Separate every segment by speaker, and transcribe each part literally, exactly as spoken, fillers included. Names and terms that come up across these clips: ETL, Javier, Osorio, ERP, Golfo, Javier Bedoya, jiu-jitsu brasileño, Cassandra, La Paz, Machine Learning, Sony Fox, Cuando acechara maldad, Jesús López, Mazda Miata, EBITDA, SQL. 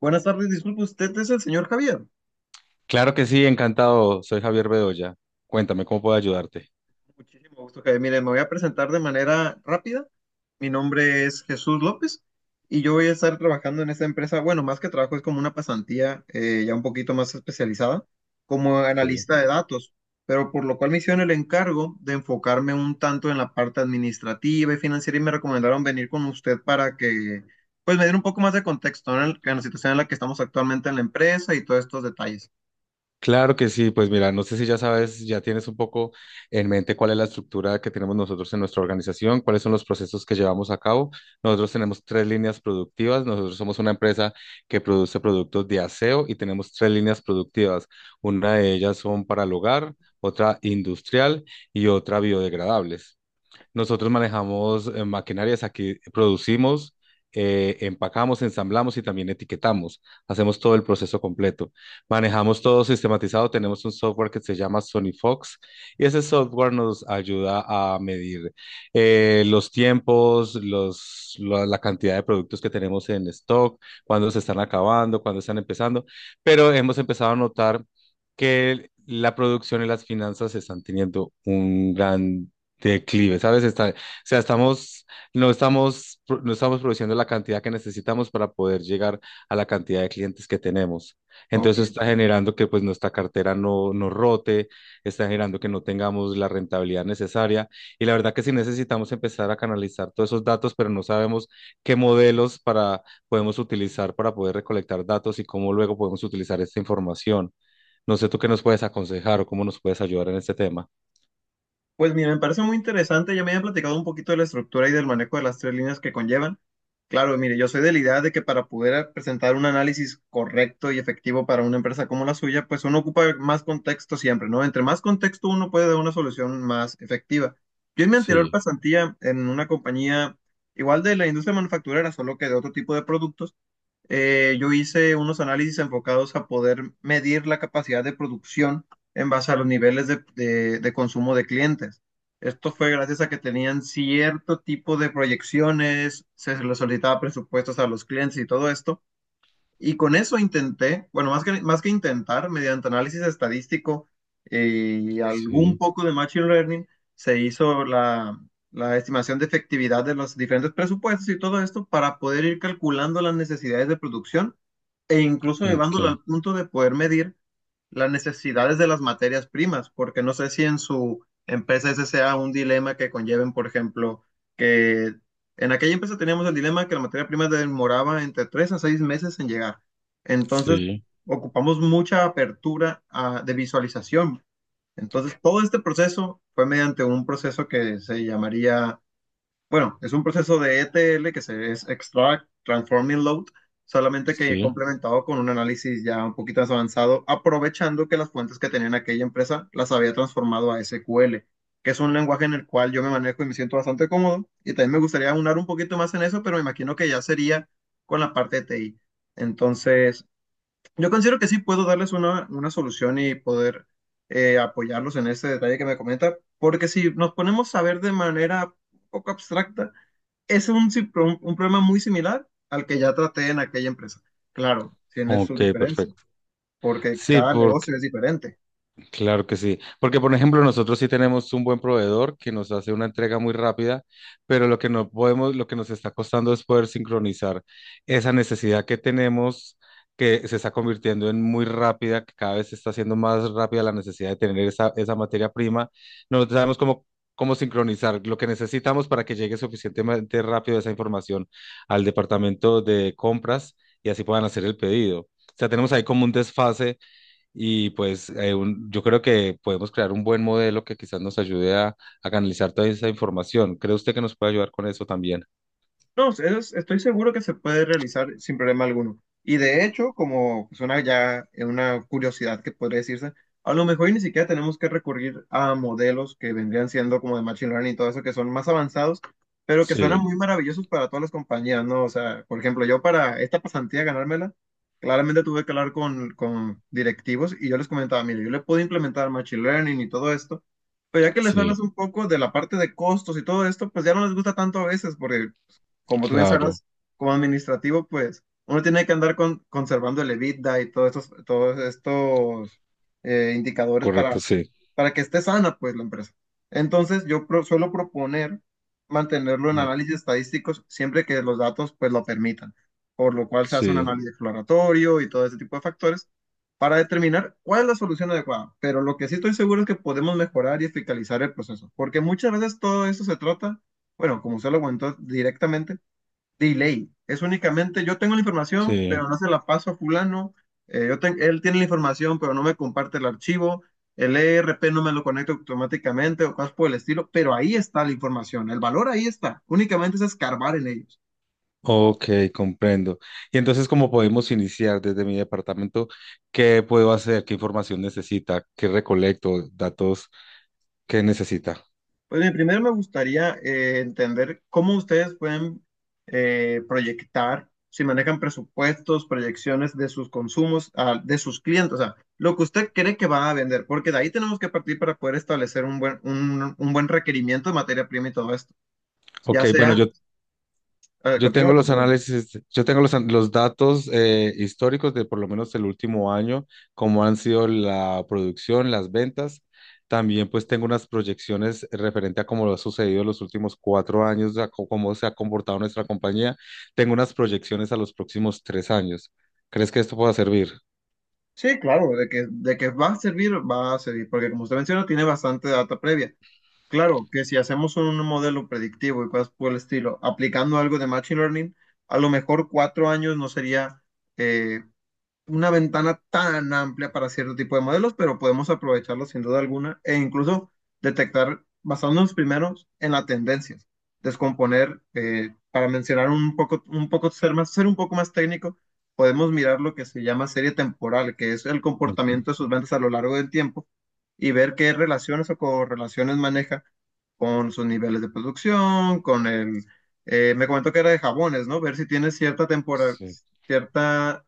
Speaker 1: Buenas tardes, disculpe, ¿usted es el señor Javier?
Speaker 2: Claro que sí, encantado. Soy Javier Bedoya. Cuéntame cómo puedo ayudarte.
Speaker 1: Muchísimo gusto, Javier. Mire, me voy a presentar de manera rápida. Mi nombre es Jesús López y yo voy a estar trabajando en esta empresa. Bueno, más que trabajo, es como una pasantía, eh, ya un poquito más especializada, como
Speaker 2: Sí.
Speaker 1: analista de datos, pero por lo cual me hicieron el encargo de enfocarme un tanto en la parte administrativa y financiera, y me recomendaron venir con usted para que, pues, me diera un poco más de contexto, ¿no? En, el- en la situación en la que estamos actualmente en la empresa y todos estos detalles.
Speaker 2: Claro que sí, pues mira, no sé si ya sabes, ya tienes un poco en mente cuál es la estructura que tenemos nosotros en nuestra organización, cuáles son los procesos que llevamos a cabo. Nosotros tenemos tres líneas productivas, nosotros somos una empresa que produce productos de aseo y tenemos tres líneas productivas. Una de ellas son para el hogar, otra industrial y otra biodegradables. Nosotros manejamos eh, maquinarias, aquí producimos, eh, empacamos, ensamblamos y también etiquetamos. Hacemos todo el proceso completo. Manejamos todo sistematizado. Tenemos un software que se llama Sony Fox y ese software nos ayuda a medir eh, los tiempos, los, la, la cantidad de productos que tenemos en stock, cuándo se están acabando, cuándo están empezando. Pero hemos empezado a notar que la producción y las finanzas están teniendo un gran declive, ¿sabes? Está, o sea, estamos, no estamos, pro- no estamos produciendo la cantidad que necesitamos para poder llegar a la cantidad de clientes que tenemos.
Speaker 1: Ok.
Speaker 2: Entonces eso está generando que pues nuestra cartera no, no rote, está generando que no tengamos la rentabilidad necesaria. Y la verdad que sí necesitamos empezar a canalizar todos esos datos, pero no sabemos qué modelos para, podemos utilizar para poder recolectar datos y cómo luego podemos utilizar esta información. No sé tú qué nos puedes aconsejar o cómo nos puedes ayudar en este tema.
Speaker 1: Pues mira, me parece muy interesante. Ya me habían platicado un poquito de la estructura y del manejo de las tres líneas que conllevan. Claro, mire, yo soy de la idea de que, para poder presentar un análisis correcto y efectivo para una empresa como la suya, pues uno ocupa más contexto siempre, ¿no? Entre más contexto, uno puede dar una solución más efectiva. Yo en mi anterior
Speaker 2: Sí,
Speaker 1: pasantía en una compañía igual de la industria manufacturera, solo que de otro tipo de productos. Eh, yo hice unos análisis enfocados a poder medir la capacidad de producción en base a los niveles de, de- de consumo de clientes. Esto fue gracias a que tenían cierto tipo de proyecciones, se les solicitaba presupuestos a los clientes y todo esto. Y con eso intenté, bueno, más que, más que intentar, mediante análisis estadístico eh, y algún
Speaker 2: sí.
Speaker 1: poco de Machine Learning, se hizo la, la estimación de efectividad de los diferentes presupuestos y todo esto, para poder ir calculando las necesidades de producción, e incluso
Speaker 2: Ok,
Speaker 1: llevándolo al punto de poder medir las necesidades de las materias primas, porque no sé si en su empresa ese sea un dilema que conlleven. Por ejemplo, que en aquella empresa teníamos el dilema que la materia prima demoraba entre tres a seis meses en llegar. Entonces,
Speaker 2: sí,
Speaker 1: ocupamos mucha apertura, ah, de visualización. Entonces, todo este proceso fue mediante un proceso que se llamaría, bueno, es un proceso de ETL, que se es Extract, transforming, Load, solamente que
Speaker 2: sí,
Speaker 1: complementado con un análisis ya un poquito más avanzado, aprovechando que las fuentes que tenían aquella empresa las había transformado a ese cu ele, que es un lenguaje en el cual yo me manejo y me siento bastante cómodo. Y también me gustaría aunar un poquito más en eso, pero me imagino que ya sería con la parte de te i. Entonces, yo considero que sí puedo darles una, una solución y poder, eh, apoyarlos en ese detalle que me comenta, porque si nos ponemos a ver de manera poco abstracta, es un, si- pro- un problema muy similar al que ya traté en aquella empresa. Claro, tiene sus
Speaker 2: ok,
Speaker 1: diferencias,
Speaker 2: perfecto.
Speaker 1: porque
Speaker 2: Sí,
Speaker 1: cada
Speaker 2: por,
Speaker 1: negocio es diferente.
Speaker 2: claro que sí, porque por ejemplo nosotros sí tenemos un buen proveedor que nos hace una entrega muy rápida, pero lo que no podemos, lo que nos está costando es poder sincronizar esa necesidad que tenemos, que se está convirtiendo en muy rápida, que cada vez se está haciendo más rápida la necesidad de tener esa, esa materia prima. No sabemos cómo, cómo sincronizar lo que necesitamos para que llegue suficientemente rápido esa información al departamento de compras y así puedan hacer el pedido. O sea, tenemos ahí como un desfase y pues eh, un- yo creo que podemos crear un buen modelo que quizás nos ayude a, a canalizar toda esa información. ¿Cree usted que nos puede ayudar con eso también?
Speaker 1: No, eso es- estoy seguro que se puede realizar sin problema alguno. Y de hecho, como es una ya una curiosidad que podría decirse, a lo mejor y ni siquiera tenemos que recurrir a modelos que vendrían siendo como de machine learning y todo eso, que son más avanzados, pero que suenan
Speaker 2: Sí,
Speaker 1: muy maravillosos para todas las compañías, ¿no? O sea, por ejemplo, yo para esta pasantía ganármela, claramente tuve que hablar con, con directivos, y yo les comentaba, mire, yo le puedo implementar machine learning y todo esto. Pero ya que les hablas
Speaker 2: sí,
Speaker 1: un poco de la parte de costos y todo esto, pues ya no les gusta tanto a veces, porque, como tú bien
Speaker 2: claro,
Speaker 1: sabrás, como administrativo, pues uno tiene que andar con, conservando el EBITDA y todos estos, todos estos eh, indicadores
Speaker 2: correcto,
Speaker 1: para,
Speaker 2: sí.
Speaker 1: para que esté sana, pues, la empresa. Entonces, yo pro- suelo proponer mantenerlo en
Speaker 2: Mm.
Speaker 1: análisis estadísticos siempre que los datos, pues, lo permitan, por lo cual se hace un
Speaker 2: Sí,
Speaker 1: análisis exploratorio y todo ese tipo de factores, para determinar cuál es la solución adecuada. Pero lo que sí estoy seguro es que podemos mejorar y fiscalizar el proceso, porque muchas veces todo esto se trata, bueno, como usted lo comentó directamente, delay. Es únicamente, yo tengo la información,
Speaker 2: sí.
Speaker 1: pero no se la paso a fulano. Eh, yo ten- él tiene la información, pero no me comparte el archivo. El E R P no me lo conecta automáticamente, o cosas por el estilo, pero ahí está la información. El valor ahí está. Únicamente es escarbar en ellos.
Speaker 2: Ok, comprendo. Y entonces, ¿cómo podemos iniciar desde mi departamento? ¿Qué puedo hacer? ¿Qué información necesita? ¿Qué recolecto? ¿Datos? ¿Qué necesita?
Speaker 1: Pues bien, primero me gustaría, eh, entender cómo ustedes pueden, eh, proyectar, si manejan presupuestos, proyecciones de sus consumos, ah, de sus clientes, o sea, lo que usted cree que va a vender, porque de ahí tenemos que partir para poder establecer un buen, un, un buen requerimiento de materia prima y todo esto. Ya
Speaker 2: Ok, bueno,
Speaker 1: sea,
Speaker 2: yo
Speaker 1: eh,
Speaker 2: yo tengo
Speaker 1: continúa,
Speaker 2: los
Speaker 1: continúa.
Speaker 2: análisis, yo tengo los, an- los datos eh, históricos de por lo menos el último año, cómo han sido la producción, las ventas. También pues tengo unas proyecciones referente a cómo lo ha sucedido en los últimos cuatro años, a co- cómo se ha comportado nuestra compañía. Tengo unas proyecciones a los próximos tres años. ¿Crees que esto pueda servir?
Speaker 1: Sí, claro, de que, de que va a servir, va a servir, porque como usted menciona, tiene bastante data previa. Claro, que si hacemos un modelo predictivo y cosas por el estilo, aplicando algo de Machine Learning, a lo mejor cuatro años no sería eh, una ventana tan amplia para cierto tipo de modelos, pero podemos aprovecharlos sin duda alguna, e incluso detectar, basándonos primero en las tendencias, descomponer, eh, para mencionar un poco, un poco ser más, ser un poco más técnico, podemos mirar lo que se llama serie temporal, que es el
Speaker 2: Ok.
Speaker 1: comportamiento de sus ventas a lo largo del tiempo, y ver qué relaciones o correlaciones maneja con sus niveles de producción, con el... eh, me comentó que era de jabones, ¿no? Ver si tiene cierta temporada,
Speaker 2: Sí.
Speaker 1: cierta,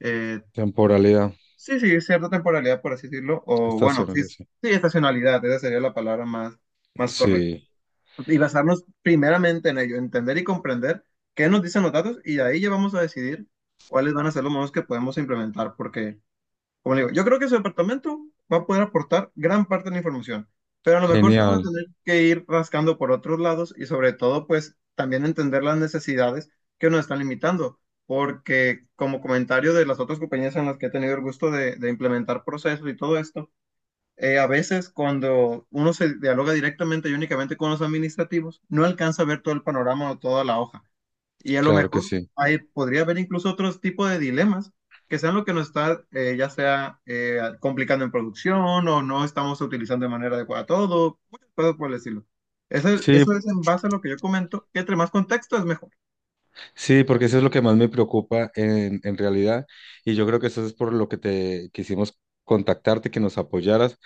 Speaker 1: eh,
Speaker 2: Temporalidad,
Speaker 1: sí, sí, cierta temporalidad, por así decirlo, o bueno, sí,
Speaker 2: estacionalidad.
Speaker 1: sí,
Speaker 2: Sí.
Speaker 1: estacionalidad, esa sería la palabra más, más correcta.
Speaker 2: Sí,
Speaker 1: Y basarnos primeramente en ello, entender y comprender qué nos dicen los datos, y de ahí ya vamos a decidir cuáles van a ser los modos que podemos implementar, porque, como le digo, yo creo que su departamento va a poder aportar gran parte de la información, pero a lo mejor sí vamos
Speaker 2: genial,
Speaker 1: a tener que ir rascando por otros lados, y sobre todo, pues, también entender las necesidades que nos están limitando, porque como comentario de las otras compañías en las que he tenido el gusto de, de implementar procesos y todo esto, eh, a veces cuando uno se dialoga directamente y únicamente con los administrativos, no alcanza a ver todo el panorama o toda la hoja. Y a lo
Speaker 2: claro que
Speaker 1: mejor
Speaker 2: sí.
Speaker 1: ahí podría haber incluso otros tipos de dilemas que sean lo que nos está, eh, ya sea eh, complicando en producción, o no estamos utilizando de manera adecuada todo, muchas cosas por decirlo. Eso,
Speaker 2: Sí.
Speaker 1: eso es en base a lo que yo comento, que entre más contexto es mejor.
Speaker 2: Sí, porque eso es lo que más me preocupa en, en realidad. Y yo creo que eso es por lo que te quisimos contactarte, que nos apoyaras,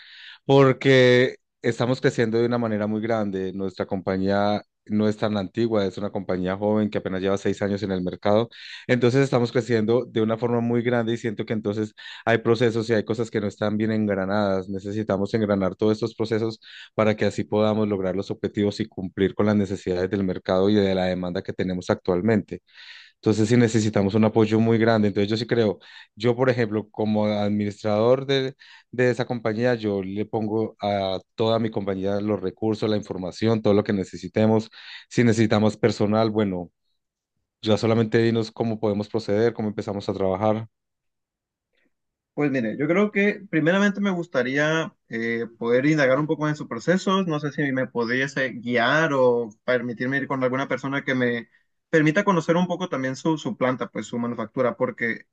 Speaker 2: porque estamos creciendo de una manera muy grande. Nuestra compañía no es tan antigua, es una compañía joven que apenas lleva seis años en el mercado. Entonces estamos creciendo de una forma muy grande y siento que entonces hay procesos y hay cosas que no están bien engranadas. Necesitamos engranar todos estos procesos para que así podamos lograr los objetivos y cumplir con las necesidades del mercado y de la demanda que tenemos actualmente. Entonces sí necesitamos un apoyo muy grande. Entonces yo sí creo, yo por ejemplo, como administrador de, de esa compañía, yo le pongo a toda mi compañía los recursos, la información, todo lo que necesitemos. Si necesitamos personal, bueno, ya solamente dinos cómo podemos proceder, cómo empezamos a trabajar.
Speaker 1: Pues mire, yo creo que primeramente me gustaría, eh, poder indagar un poco en sus procesos. No sé si me pudiese guiar o permitirme ir con alguna persona que me permita conocer un poco también su, su planta, pues su manufactura, porque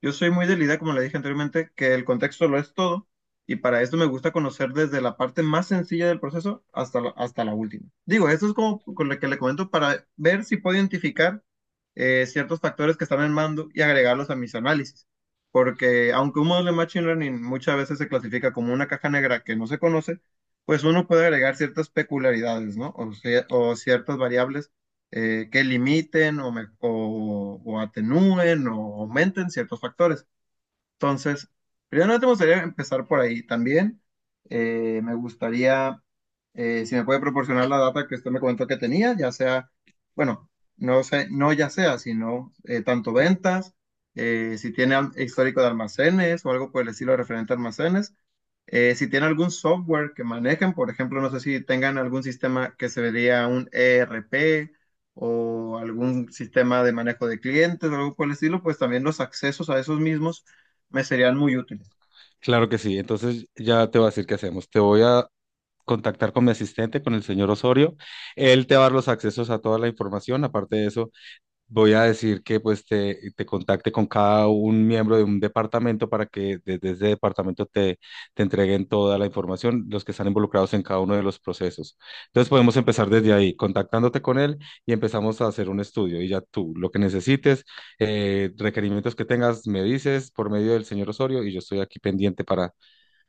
Speaker 1: yo soy muy de la idea, como le dije anteriormente, que el contexto lo es todo, y para esto me gusta conocer desde la parte más sencilla del proceso hasta la, hasta la última. Digo, esto es como con lo que le comento para ver si puedo identificar eh, ciertos factores que están en mando y agregarlos a mis análisis. Porque aunque un modelo de Machine Learning muchas veces se clasifica como una caja negra que no se conoce, pues uno puede agregar ciertas peculiaridades, ¿no? O, cie- o ciertas variables eh, que limiten, o, me- o- o atenúen o aumenten ciertos factores. Entonces, primero te gustaría empezar por ahí. También, eh, me gustaría, eh, si me puede proporcionar la data que usted me comentó que tenía, ya sea, bueno, no sé, no ya sea, sino eh, tanto ventas, eh, si tiene al- histórico de almacenes o algo por el estilo referente a almacenes, eh, si tienen algún software que manejen, por ejemplo, no sé si tengan algún sistema que se vería un E R P, o algún sistema de manejo de clientes o algo por el estilo, pues también los accesos a esos mismos me serían muy útiles.
Speaker 2: Claro que sí. Entonces ya te voy a decir qué hacemos. Te voy a contactar con mi asistente, con el señor Osorio. Él te va a dar los accesos a toda la información. Aparte de eso, voy a decir que pues te, te contacte con cada un miembro de un departamento para que desde ese departamento te, te entreguen toda la información, los que están involucrados en cada uno de los procesos. Entonces podemos empezar desde ahí, contactándote con él y empezamos a hacer un estudio. Y ya tú, lo que necesites, eh, requerimientos que tengas, me dices por medio del señor Osorio y yo estoy aquí pendiente para,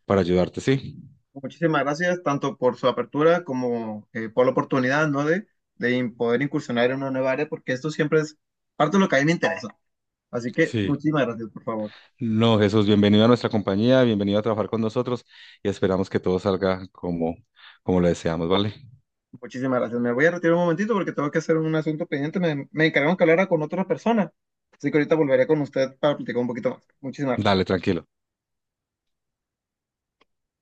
Speaker 2: para ayudarte, ¿sí?
Speaker 1: Muchísimas gracias tanto por su apertura como, eh, por la oportunidad, ¿no? De, de in- poder incursionar en una nueva área, porque esto siempre es parte de lo que a mí me interesa. Así que
Speaker 2: Sí.
Speaker 1: muchísimas gracias, por favor.
Speaker 2: No, Jesús, bienvenido a nuestra compañía, bienvenido a trabajar con nosotros y esperamos que todo salga como, como lo deseamos, ¿vale?
Speaker 1: Muchísimas gracias. Me voy a retirar un momentito porque tengo que hacer un asunto pendiente. Me, me encargaron que hablara con otra persona. Así que ahorita volveré con usted para platicar un poquito más. Muchísimas gracias.
Speaker 2: Dale, tranquilo.